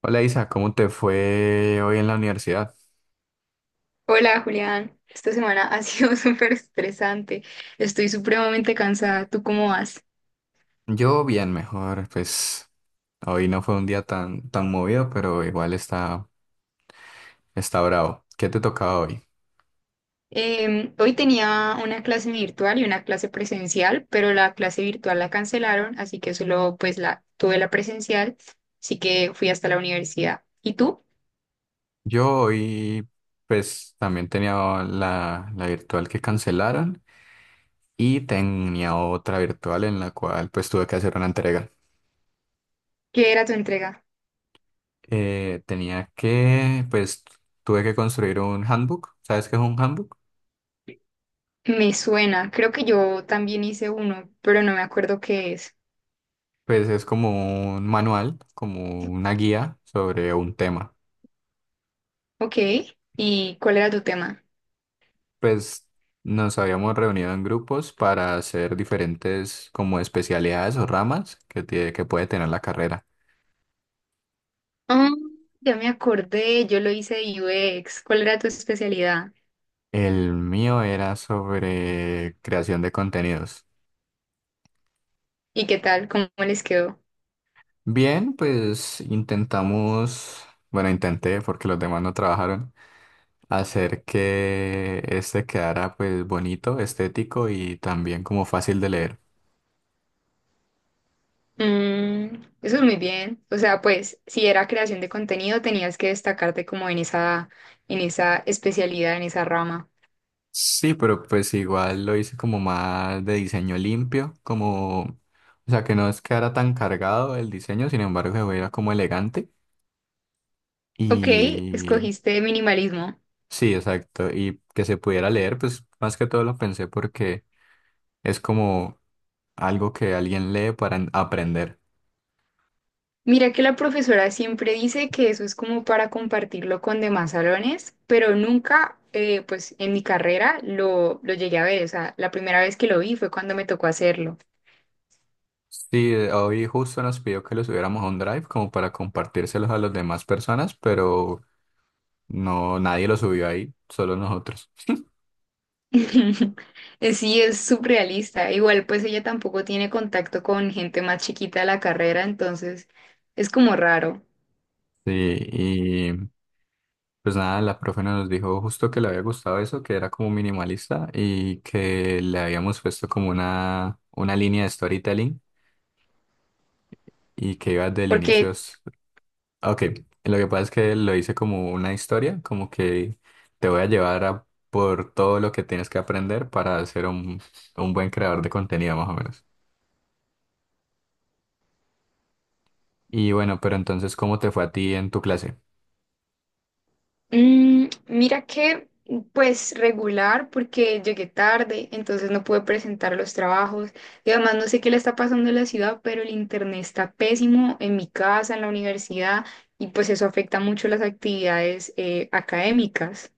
Hola Isa, ¿cómo te fue hoy en la universidad? Hola Julián, esta semana ha sido súper estresante, estoy supremamente cansada, ¿tú cómo vas? Yo bien, mejor, pues hoy no fue un día tan movido, pero igual está bravo. ¿Qué te tocaba hoy? Hoy tenía una clase virtual y una clase presencial, pero la clase virtual la cancelaron, así que solo pues la tuve la presencial, así que fui hasta la universidad. ¿Y tú? Yo hoy, pues también tenía la virtual que cancelaron y tenía otra virtual en la cual pues tuve que hacer una entrega. ¿Qué era tu entrega? Tenía que tuve que construir un handbook. ¿Sabes qué es un handbook? Me suena, creo que yo también hice uno, pero no me acuerdo qué es. Pues es como un manual, como una guía sobre un tema. Ok, ¿y cuál era tu tema? Pues nos habíamos reunido en grupos para hacer diferentes como especialidades o ramas que puede tener la carrera. Ah, ya me acordé, yo lo hice de UX. ¿Cuál era tu especialidad? El mío era sobre creación de contenidos. ¿Y qué tal? ¿Cómo les quedó? Bien, pues intenté porque los demás no trabajaron, hacer que este quedara pues bonito, estético y también como fácil de leer. Mm, eso es muy bien. O sea, pues si era creación de contenido, tenías que destacarte como en esa especialidad, en esa rama. Sí, pero pues igual lo hice como más de diseño limpio, como, o sea, que no es que era tan cargado el diseño, sin embargo, se veía como elegante Ok, y escogiste minimalismo. sí, exacto, y que se pudiera leer, pues más que todo lo pensé porque es como algo que alguien lee para aprender. Mira que la profesora siempre dice que eso es como para compartirlo con demás salones, pero nunca, pues en mi carrera lo llegué a ver. O sea, la primera vez que lo vi fue cuando me tocó hacerlo. Sí, hoy justo nos pidió que lo subiéramos a un Drive como para compartírselos a las demás personas, pero no, nadie lo subió ahí, solo nosotros. Sí, es surrealista. Igual, pues ella tampoco tiene contacto con gente más chiquita de la carrera, entonces es como raro. Sí, pues nada, la profe nos dijo justo que le había gustado eso, que era como minimalista y que le habíamos puesto como una línea de storytelling y que iba desde el inicio. Porque, Ok, lo que pasa es que lo hice como una historia, como que te voy a llevar a por todo lo que tienes que aprender para ser un buen creador de contenido, más o menos. Y bueno, pero entonces, ¿cómo te fue a ti en tu clase? Mira que, pues regular, porque llegué tarde, entonces no pude presentar los trabajos. Y además no sé qué le está pasando en la ciudad, pero el internet está pésimo en mi casa, en la universidad, y pues eso afecta mucho las actividades académicas.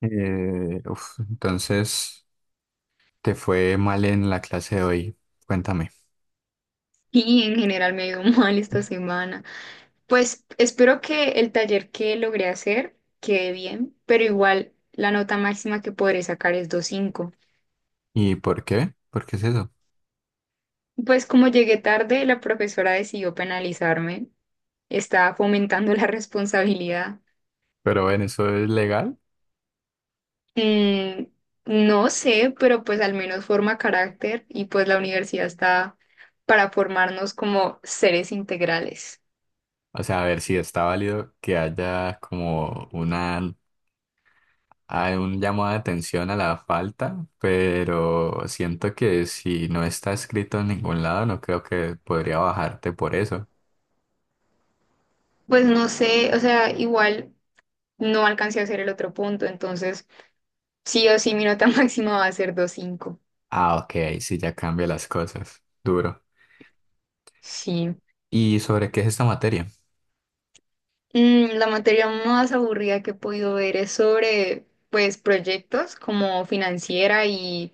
Entonces, ¿te fue mal en la clase de hoy? Cuéntame. Y en general me ha ido mal esta semana. Pues espero que el taller que logré hacer quede bien, pero igual la nota máxima que podré sacar es 2.5. ¿Y por qué? ¿Por qué es eso? Pues como llegué tarde, la profesora decidió penalizarme, estaba fomentando la responsabilidad. Pero ven, ¿eso es legal? Mm, no sé, pero pues al menos forma carácter y pues la universidad está para formarnos como seres integrales. O sea, a ver si está válido que haya como hay un llamado de atención a la falta, pero siento que si no está escrito en ningún lado, no creo que podría bajarte por eso. Pues no sé, o sea, igual no alcancé a hacer el otro punto, entonces sí o sí mi nota máxima va a ser 2.5. Ah, ok, ahí sí ya cambia las cosas. Duro. Sí. ¿Y sobre qué es esta materia? Mm, la materia más aburrida que he podido ver es sobre, pues, proyectos como financiera y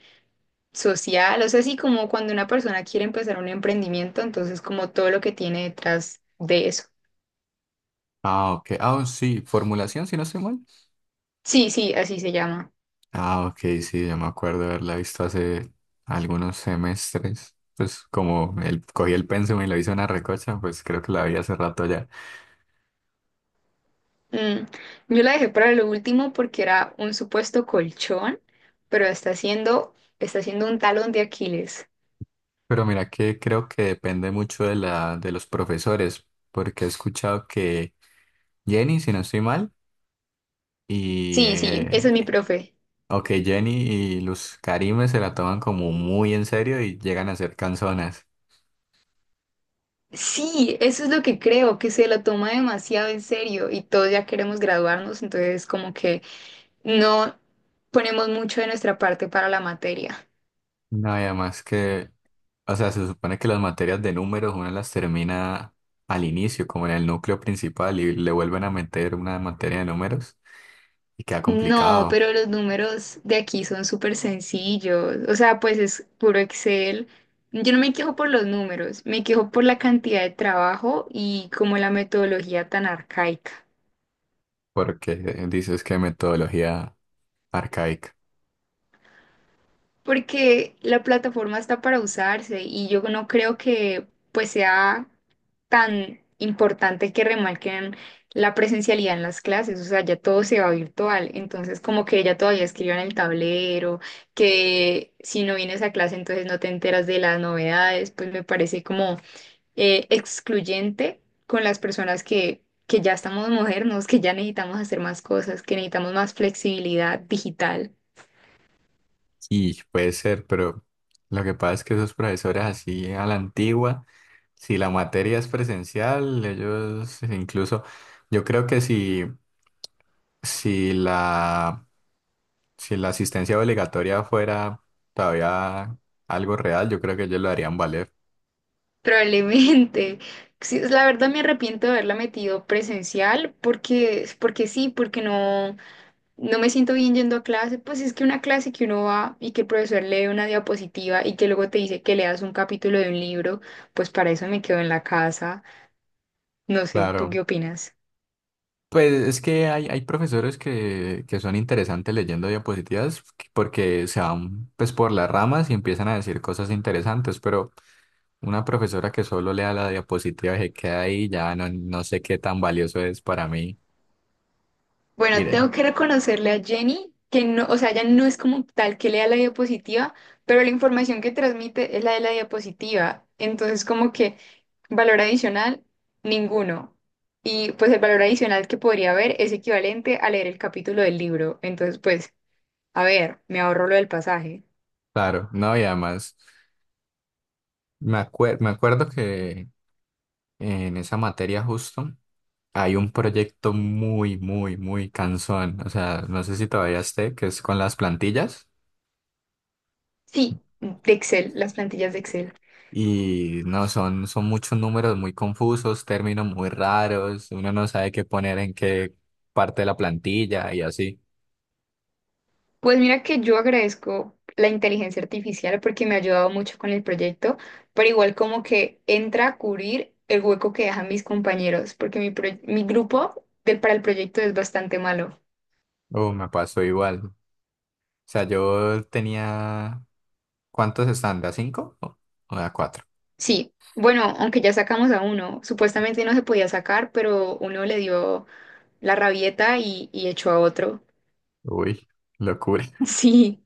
social. O sea, así como cuando una persona quiere empezar un emprendimiento, entonces como todo lo que tiene detrás de eso. Ah, ok. Ah, sí, formulación, si no estoy mal. Sí, sí, así se llama. Ah, ok, sí, yo me acuerdo haberla visto hace algunos semestres. Pues como el, cogí el pensum y lo hice una recocha, pues creo que la vi hace rato ya. Mm, yo la dejé para lo último porque era un supuesto colchón, pero está siendo un talón de Aquiles. Pero mira que creo que depende mucho de de los profesores, porque he escuchado que Jenny, si no estoy mal, y Sí, sí, ese es mi profe. ok, Jenny y Luz Karime se la toman como muy en serio y llegan a ser canzonas. Sí, eso es lo que creo, que se lo toma demasiado en serio y todos ya queremos graduarnos, entonces como que no ponemos mucho de nuestra parte para la materia. No, y además que, o sea, se supone que las materias de números una las termina al inicio, como en el núcleo principal, y le vuelven a meter una materia de números y queda No, complicado, pero los números de aquí son súper sencillos, o sea, pues es puro Excel. Yo no me quejo por los números, me quejo por la cantidad de trabajo y como la metodología tan arcaica. porque dices que metodología arcaica. Porque la plataforma está para usarse y yo no creo que pues sea tan importante que remarquen la presencialidad en las clases, o sea, ya todo se va virtual, entonces como que ella todavía escribió en el tablero, que si no vienes a clase entonces no te enteras de las novedades, pues me parece como excluyente con las personas que ya estamos modernos, que ya necesitamos hacer más cosas, que necesitamos más flexibilidad digital. Y puede ser, pero lo que pasa es que esos profesores así a la antigua, si la materia es presencial, ellos incluso, yo creo que si, si la Si la asistencia obligatoria fuera todavía algo real, yo creo que ellos lo harían valer. Probablemente. Sí, es la verdad me arrepiento de haberla metido presencial porque sí, porque no, no me siento bien yendo a clase. Pues es que una clase que uno va y que el profesor lee una diapositiva y que luego te dice que leas un capítulo de un libro, pues para eso me quedo en la casa. No sé, ¿tú qué Claro. opinas? Pues es que hay profesores que son interesantes leyendo diapositivas porque se van pues por las ramas y empiezan a decir cosas interesantes, pero una profesora que solo lea la diapositiva y se queda ahí, ya no, no sé qué tan valioso es para mí. Bueno, Iré. tengo que reconocerle a Jenny que no, o sea, ella no es como tal que lea la diapositiva, pero la información que transmite es la de la diapositiva. Entonces, como que valor adicional, ninguno. Y pues el valor adicional que podría haber es equivalente a leer el capítulo del libro. Entonces, pues, a ver, me ahorro lo del pasaje. Claro, no, y además me acuerdo que en esa materia justo. Hay un proyecto muy cansón. O sea, no sé si todavía esté, que es con las plantillas. Sí, de Excel, las plantillas de Excel. Y no, son muchos números muy confusos, términos muy raros. Uno no sabe qué poner en qué parte de la plantilla y así. Pues mira que yo agradezco la inteligencia artificial porque me ha ayudado mucho con el proyecto, pero igual como que entra a cubrir el hueco que dejan mis compañeros, porque mi, proye- mi grupo del, para el proyecto es bastante malo. Oh, me pasó igual. O sea, yo tenía... ¿Cuántos están? ¿De a cinco? ¿O de a cuatro? Sí, bueno, aunque ya sacamos a uno, supuestamente no se podía sacar, pero uno le dio la rabieta y echó a otro. Uy, locura. Sí,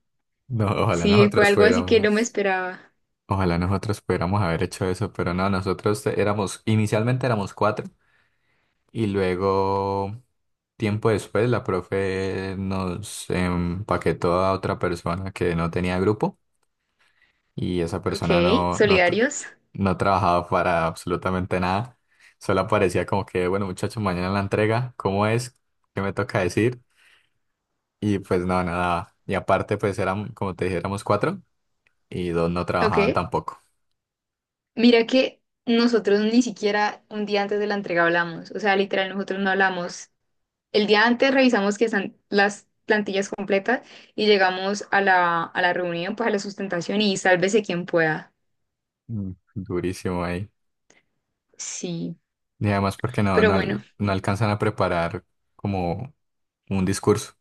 No, ojalá sí, fue nosotros algo así que no me fuéramos. esperaba. Ojalá nosotros pudiéramos haber hecho eso, pero no, éramos, inicialmente éramos cuatro. Y luego, tiempo después, la profe nos empaquetó a otra persona que no tenía grupo y esa persona Ok, solidarios, no trabajaba para absolutamente nada. Solo aparecía como que, bueno, muchachos, mañana la entrega, ¿cómo es? ¿Qué me toca decir? Y pues no, nada. Y aparte, pues eran, como te dije, éramos cuatro y dos no trabajaban ok. tampoco. Mira que nosotros ni siquiera un día antes de la entrega hablamos, o sea, literal, nosotros no hablamos. El día antes revisamos que están las plantillas completas y llegamos a la reunión, pues a la sustentación y sálvese quien pueda. Mm, durísimo ahí. Sí, Y además porque pero bueno, no alcanzan a preparar como un discurso.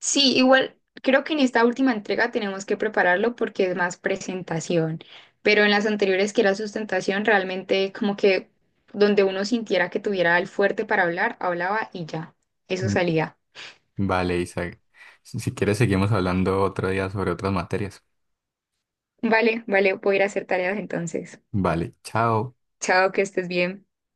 sí, igual creo que en esta última entrega tenemos que prepararlo porque es más presentación, pero en las anteriores que era sustentación, realmente como que donde uno sintiera que tuviera el fuerte para hablar, hablaba y ya, eso salía. Vale, Isaac. Si quieres, seguimos hablando otro día sobre otras materias. Vale, vale, voy a ir a hacer tareas entonces. Vale, chao. Chao, que estés bien.